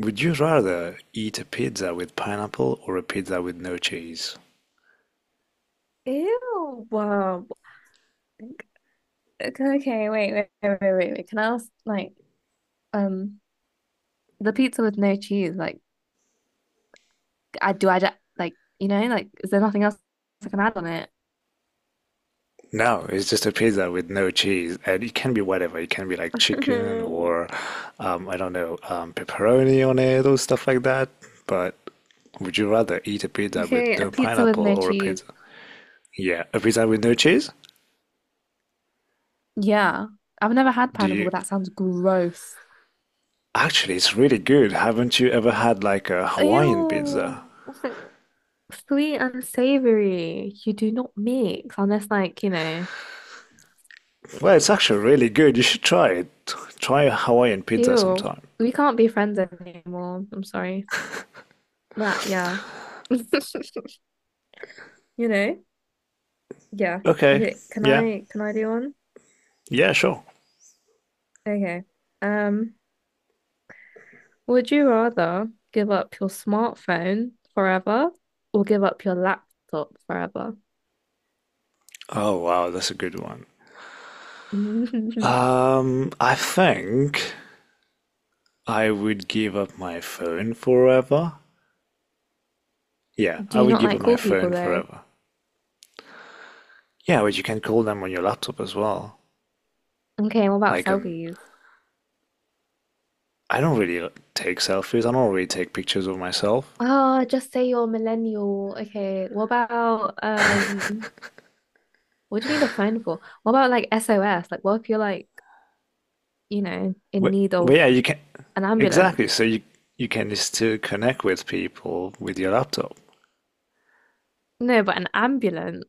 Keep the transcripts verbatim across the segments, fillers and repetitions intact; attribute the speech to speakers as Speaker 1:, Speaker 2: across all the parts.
Speaker 1: Would you rather eat a pizza with pineapple or a pizza with no cheese?
Speaker 2: Ew. Wow. Okay, okay, wait, wait, wait, wait, wait. wait. Can I ask, like, um, the pizza with no cheese? Like, I do I ju- like, you know, like, is there nothing else I can add on it?
Speaker 1: No, it's just a pizza with no cheese, and it can be whatever. It can be like chicken or um, I don't know, um, pepperoni on it or stuff like that. But would you rather eat a pizza with
Speaker 2: Okay, a
Speaker 1: no
Speaker 2: pizza with
Speaker 1: pineapple
Speaker 2: no
Speaker 1: or a
Speaker 2: cheese.
Speaker 1: pizza? Yeah, a pizza with no cheese?
Speaker 2: Yeah, I've never had
Speaker 1: Do
Speaker 2: pineapple,
Speaker 1: you?
Speaker 2: but that sounds gross.
Speaker 1: Actually, it's really good. Haven't you ever had like a Hawaiian pizza?
Speaker 2: Ew. Sweet and savory. You do not mix unless, like, you know,
Speaker 1: Well, it's
Speaker 2: mm,
Speaker 1: actually really good. You should try it. Try a Hawaiian pizza
Speaker 2: ew.
Speaker 1: sometime.
Speaker 2: We can't be friends anymore. I'm sorry. That, yeah. You know? Yeah.
Speaker 1: Okay,
Speaker 2: Okay. Can
Speaker 1: yeah.
Speaker 2: I can I do one?
Speaker 1: Yeah, sure.
Speaker 2: Okay. Um, would you rather give up your smartphone forever or give up your laptop forever?
Speaker 1: Oh, wow, that's a good one.
Speaker 2: Do
Speaker 1: Um, I think I would give up my phone forever. Yeah, I
Speaker 2: you
Speaker 1: would
Speaker 2: not
Speaker 1: give
Speaker 2: like
Speaker 1: up my
Speaker 2: cool people
Speaker 1: phone
Speaker 2: though?
Speaker 1: forever. Yeah, but you can call them on your laptop as well.
Speaker 2: Okay, what about
Speaker 1: Like on,
Speaker 2: selfies?
Speaker 1: I don't really take selfies. I don't really take pictures of myself.
Speaker 2: Oh, just say you're a millennial. Okay, what about um what do you need a phone for? What about like S O S? Like what if you're like, you know, in
Speaker 1: But,
Speaker 2: need
Speaker 1: but
Speaker 2: of
Speaker 1: yeah, you can
Speaker 2: an ambulance?
Speaker 1: exactly. So you you can still connect with people with your laptop.
Speaker 2: No, but an ambulance.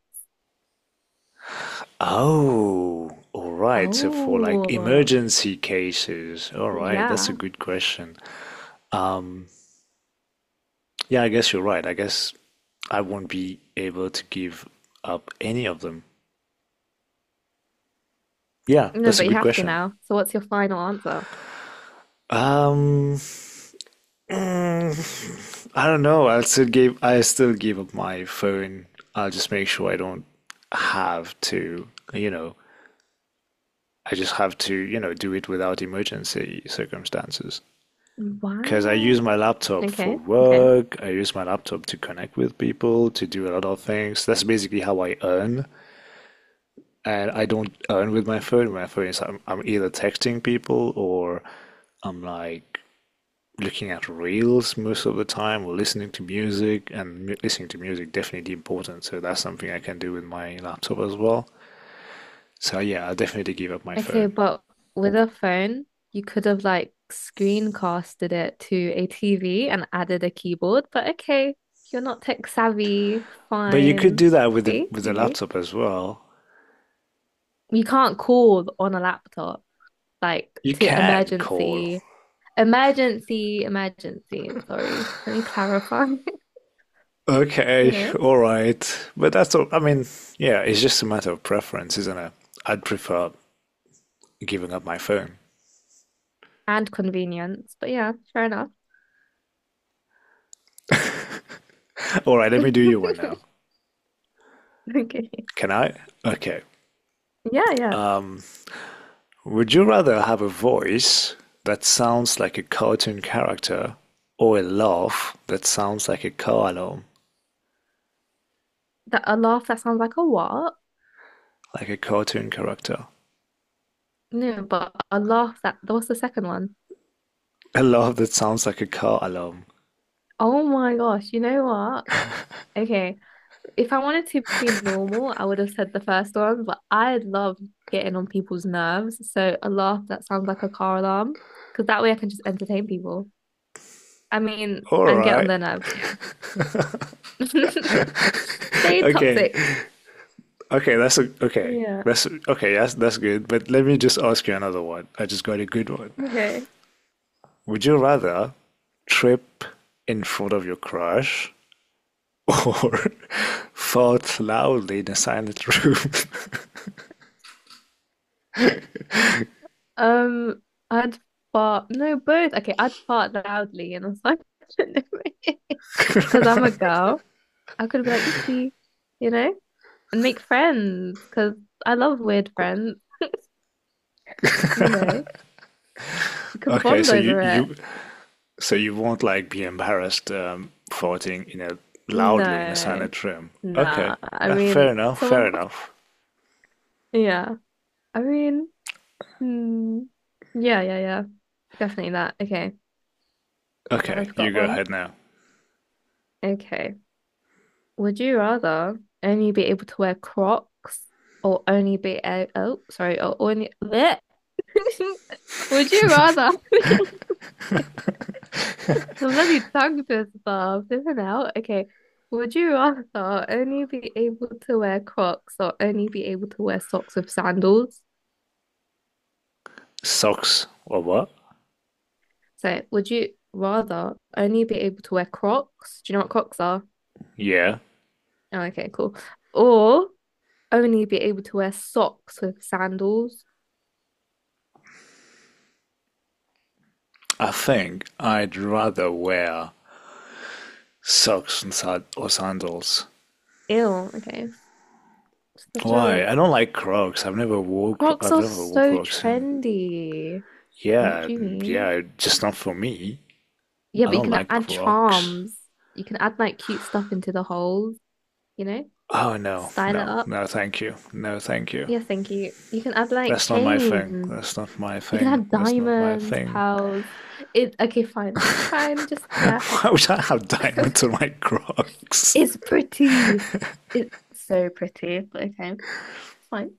Speaker 1: Oh, all right. So for like
Speaker 2: Oh,
Speaker 1: emergency cases, all right, that's a
Speaker 2: yeah.
Speaker 1: good question. Yeah, I guess you're right. I guess I won't be able to give up any of them. Yeah,
Speaker 2: No,
Speaker 1: that's a
Speaker 2: but you
Speaker 1: good
Speaker 2: have to
Speaker 1: question.
Speaker 2: now. So what's your final answer?
Speaker 1: Um, I don't know. I'll still give I still give up my phone. I'll just make sure I don't have to, you know, I just have to, you know, do it without emergency circumstances. Because I use
Speaker 2: Wow.
Speaker 1: my laptop for
Speaker 2: Okay. Okay.
Speaker 1: work, I use my laptop to connect with people, to do a lot of things. That's basically how I earn. And I don't earn with my phone. My phone is I'm, I'm either texting people or I'm like looking at reels most of the time or listening to music. And mu- listening to music definitely important. So that's something I can do with my laptop as well. So yeah, I'll definitely give up my
Speaker 2: Okay,
Speaker 1: phone.
Speaker 2: but with a phone, you could have like screencasted it to a T V and added a keyboard, but okay, you're not tech savvy.
Speaker 1: But you could
Speaker 2: Fine.
Speaker 1: do that with the
Speaker 2: See?
Speaker 1: with the
Speaker 2: You see?
Speaker 1: laptop as well.
Speaker 2: You can't call on a laptop like
Speaker 1: You
Speaker 2: to
Speaker 1: can call.
Speaker 2: emergency, emergency, emergency. Sorry. Let me clarify, you
Speaker 1: Okay,
Speaker 2: know,
Speaker 1: all right. But that's all. I mean, yeah, it's just a matter of preference, isn't it? I'd prefer giving up my phone.
Speaker 2: and convenience. But yeah, fair enough.
Speaker 1: All right, let me do you one now.
Speaker 2: Okay.
Speaker 1: Can I? Okay.
Speaker 2: Yeah, yeah.
Speaker 1: Would you rather have a voice that sounds like a cartoon character or a laugh that sounds like a car alarm?
Speaker 2: That a laugh that sounds like a what?
Speaker 1: Like a cartoon character.
Speaker 2: No, but a laugh that that was the second one.
Speaker 1: A laugh that sounds like a car alarm.
Speaker 2: Oh my gosh, you know what? Okay. If I wanted to be normal, I would have said the first one, but I love getting on people's nerves. So a laugh that sounds like a car alarm, because that way I can just entertain people. I mean,
Speaker 1: All
Speaker 2: and get on
Speaker 1: right.
Speaker 2: their nerves, yeah. Stay
Speaker 1: Okay.
Speaker 2: toxic.
Speaker 1: Okay, that's a, okay.
Speaker 2: Yeah.
Speaker 1: That's a, okay, that's that's good. But let me just ask you another one. I just got a good one.
Speaker 2: Okay.
Speaker 1: Would you rather trip in front of your crush or fart loudly in a silent room?
Speaker 2: Um, I'd fart. No, both. Okay, I'd fart loudly and I was like, because I'm a girl, I could be like, oopsie, you know, and make friends because I love weird friends, you know, we could
Speaker 1: Okay,
Speaker 2: bond
Speaker 1: so you
Speaker 2: over it.
Speaker 1: you so you won't like be embarrassed um, farting in a loudly in a
Speaker 2: No,
Speaker 1: silent room. Okay,
Speaker 2: nah. I
Speaker 1: that, fair
Speaker 2: mean,
Speaker 1: enough, fair
Speaker 2: some of,
Speaker 1: enough.
Speaker 2: yeah, I mean, hmm. Yeah, yeah, yeah, definitely that. Okay,
Speaker 1: Okay,
Speaker 2: I've
Speaker 1: you
Speaker 2: got
Speaker 1: go
Speaker 2: one.
Speaker 1: ahead now.
Speaker 2: Okay. Would you rather only be able to wear Crocs or only be a oh sorry or only bleh. Would you rather the bloody tongue twister flipping out okay would you rather only be able to wear Crocs or only be able to wear socks with sandals
Speaker 1: Socks or what?
Speaker 2: so would you rather only be able to wear Crocs do you know what Crocs are
Speaker 1: Yeah,
Speaker 2: oh okay cool or only be able to wear socks with sandals.
Speaker 1: I think I'd rather wear socks and sad or sandals.
Speaker 2: Ew, okay. Such a
Speaker 1: Why? I don't like Crocs. I've never wore Cro-
Speaker 2: Crocs
Speaker 1: I've
Speaker 2: are
Speaker 1: never wore
Speaker 2: so
Speaker 1: Crocs, and
Speaker 2: trendy. What
Speaker 1: yeah,
Speaker 2: do you
Speaker 1: and
Speaker 2: mean?
Speaker 1: yeah, just not for me.
Speaker 2: Yeah,
Speaker 1: I
Speaker 2: but you
Speaker 1: don't
Speaker 2: can
Speaker 1: like
Speaker 2: add
Speaker 1: Crocs.
Speaker 2: charms. You can add like cute stuff into the holes, you know?
Speaker 1: Oh no,
Speaker 2: Style it
Speaker 1: no,
Speaker 2: up.
Speaker 1: no, thank you, no, thank you.
Speaker 2: Yeah, thank you. You can add like
Speaker 1: That's not my thing.
Speaker 2: chains.
Speaker 1: That's not my
Speaker 2: You can
Speaker 1: thing.
Speaker 2: add
Speaker 1: That's not my
Speaker 2: diamonds,
Speaker 1: thing.
Speaker 2: pearls. It okay, fine. Fine, just yeah.
Speaker 1: Why would I have diamonds on my Crocs?
Speaker 2: It's pretty. It's so pretty, but okay, fine.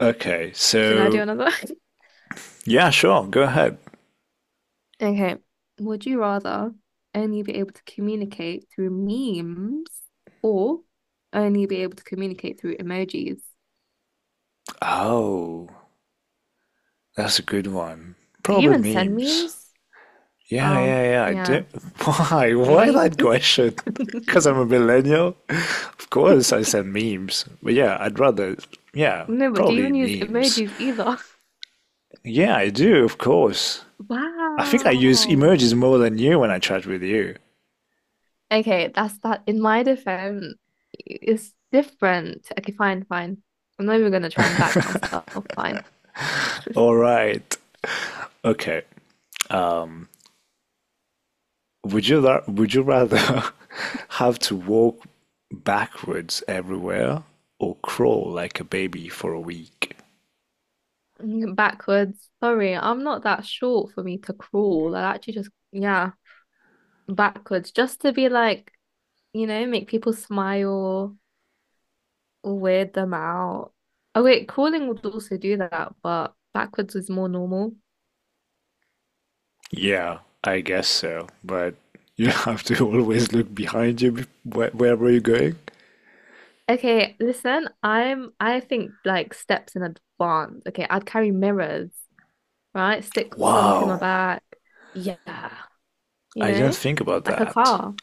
Speaker 1: Okay,
Speaker 2: Should I do
Speaker 1: so
Speaker 2: another?
Speaker 1: yeah, sure, go ahead.
Speaker 2: Okay. Would you rather only be able to communicate through memes or only be able to communicate through emojis?
Speaker 1: Oh, that's a good one.
Speaker 2: Do you
Speaker 1: Probably
Speaker 2: even send
Speaker 1: memes.
Speaker 2: memes?
Speaker 1: Yeah,
Speaker 2: Oh,
Speaker 1: yeah, yeah. I do.
Speaker 2: yeah.
Speaker 1: Why? Why
Speaker 2: Really?
Speaker 1: that question? Because I'm a millennial. Of course, I said memes. But yeah, I'd rather. Yeah,
Speaker 2: No, but do you
Speaker 1: probably
Speaker 2: even use
Speaker 1: memes.
Speaker 2: emojis either?
Speaker 1: Yeah, I do. Of course. I think I use
Speaker 2: Wow.
Speaker 1: emojis more than you when I chat with you.
Speaker 2: Okay, that's that. In my defense, it's different. Okay, fine, fine. I'm not even gonna try and back myself. Fine.
Speaker 1: All right. Okay. Would you ra- would you rather have to walk backwards everywhere or crawl like a baby for a week?
Speaker 2: Backwards. Sorry, I'm not that short for me to crawl. I actually just, yeah, backwards, just to be like, you know, make people smile or weird them out. Oh, wait, crawling would also do that, but backwards is more normal.
Speaker 1: Yeah, I guess so. But you have to always look behind you bef- Where wherever you're going.
Speaker 2: Okay, listen, I'm I think like steps in advance. Okay, I'd carry mirrors, right? Stick some to my
Speaker 1: Wow.
Speaker 2: back. Yeah, you
Speaker 1: I didn't
Speaker 2: know,
Speaker 1: think about
Speaker 2: like a
Speaker 1: that.
Speaker 2: car.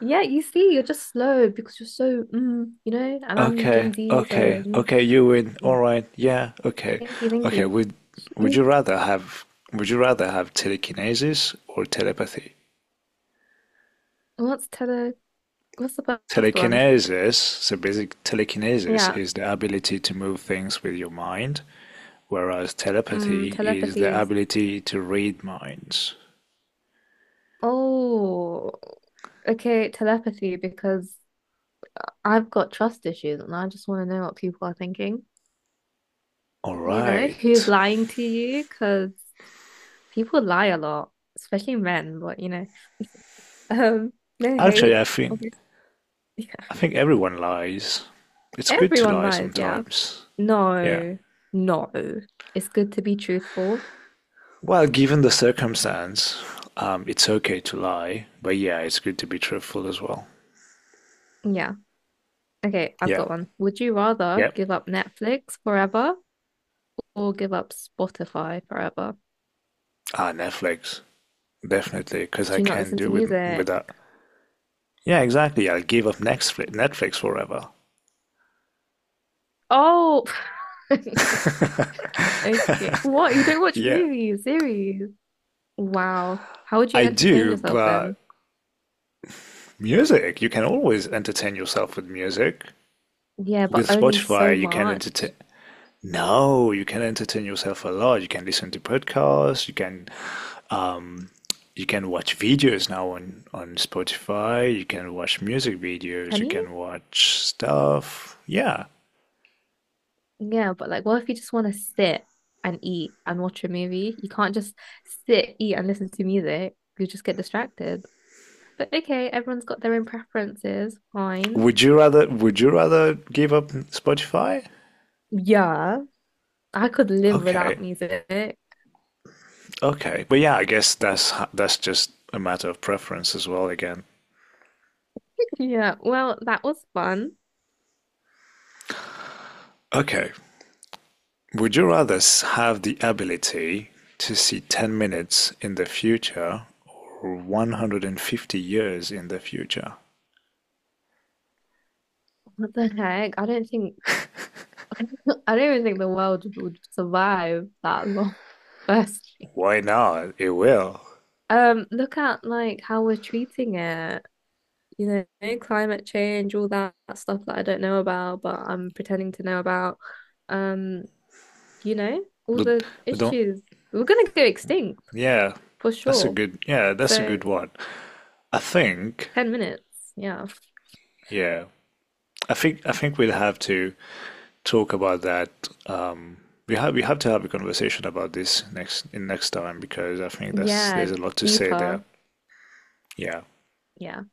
Speaker 2: Yeah, you see, you're just slow because you're so, mm, you know, and I'm
Speaker 1: Okay,
Speaker 2: Gen Z, so
Speaker 1: okay,
Speaker 2: mm,
Speaker 1: okay, you win. All
Speaker 2: yeah.
Speaker 1: right. Yeah, okay.
Speaker 2: Thank you, thank
Speaker 1: Okay,
Speaker 2: you.
Speaker 1: would would you rather have would you rather have telekinesis or telepathy?
Speaker 2: What's tele? What's the first one?
Speaker 1: Telekinesis, so basic telekinesis
Speaker 2: Yeah,
Speaker 1: is the ability to move things with your mind, whereas
Speaker 2: mm,
Speaker 1: telepathy is
Speaker 2: telepathy
Speaker 1: the
Speaker 2: is.
Speaker 1: ability to read minds.
Speaker 2: Oh, okay, telepathy because I've got trust issues and I just want to know what people are thinking.
Speaker 1: All
Speaker 2: You know, who's
Speaker 1: right.
Speaker 2: lying to you? Because people lie a lot, especially men, but you know, um, no
Speaker 1: Actually,
Speaker 2: hate,
Speaker 1: I think
Speaker 2: obviously. Yeah.
Speaker 1: I think everyone lies. It's good to
Speaker 2: Everyone
Speaker 1: lie
Speaker 2: lies, yeah.
Speaker 1: sometimes. Yeah.
Speaker 2: No, no. It's good to be truthful.
Speaker 1: Well, given the circumstance, um, it's okay to lie, but yeah, it's good to be truthful as well.
Speaker 2: Yeah. Okay, I've
Speaker 1: Yeah.
Speaker 2: got one. Would you rather
Speaker 1: Yep.
Speaker 2: give up Netflix forever or give up Spotify forever?
Speaker 1: Ah, Netflix. Definitely, because I
Speaker 2: Do you not
Speaker 1: can't
Speaker 2: listen to
Speaker 1: do with with
Speaker 2: music?
Speaker 1: that. Yeah, exactly. I will give up Netflix, Netflix forever.
Speaker 2: Oh, Sorry. Okay. What? You don't watch
Speaker 1: Yeah.
Speaker 2: movies, series? Wow. How would you
Speaker 1: I
Speaker 2: entertain
Speaker 1: do,
Speaker 2: yourself then?
Speaker 1: but music, you can always entertain yourself with music.
Speaker 2: Yeah, but
Speaker 1: With
Speaker 2: only so
Speaker 1: Spotify, you can
Speaker 2: much.
Speaker 1: entertain. No, you can entertain yourself a lot. You can listen to podcasts, you can you can watch videos now on on Spotify, you can watch music videos,
Speaker 2: Can
Speaker 1: you
Speaker 2: you?
Speaker 1: can watch stuff. Yeah.
Speaker 2: Yeah, but like, what if you just want to sit and eat and watch a movie? You can't just sit, eat, and listen to music. You just get distracted. But okay, everyone's got their own preferences. Fine.
Speaker 1: Would you rather would you rather give up Spotify?
Speaker 2: Yeah, I could live without
Speaker 1: Okay.
Speaker 2: music.
Speaker 1: Okay. But yeah, I guess that's that's just a matter of preference as well again.
Speaker 2: Yeah, well, that was fun.
Speaker 1: Okay. Would you rather s- have the ability to see ten minutes in the future or a hundred and fifty years in the future?
Speaker 2: What the heck? I don't think, I don't even think the world would survive that long, firstly.
Speaker 1: Why not? It will.
Speaker 2: Um, look at like how we're treating it, you know, climate change, all that stuff that I don't know about, but I'm pretending to know about. Um, you know, all
Speaker 1: But,
Speaker 2: the
Speaker 1: but don't,
Speaker 2: issues. We're gonna go extinct
Speaker 1: yeah,
Speaker 2: for
Speaker 1: that's a
Speaker 2: sure.
Speaker 1: good, yeah, that's a
Speaker 2: So
Speaker 1: good one. I think,
Speaker 2: ten minutes, yeah.
Speaker 1: yeah, I think, I think we'd have to talk about that. Um, we have we have to have a conversation about this next in next time because I think that's
Speaker 2: Yeah,
Speaker 1: there's a lot to say there.
Speaker 2: deeper.
Speaker 1: Yeah.
Speaker 2: Yeah.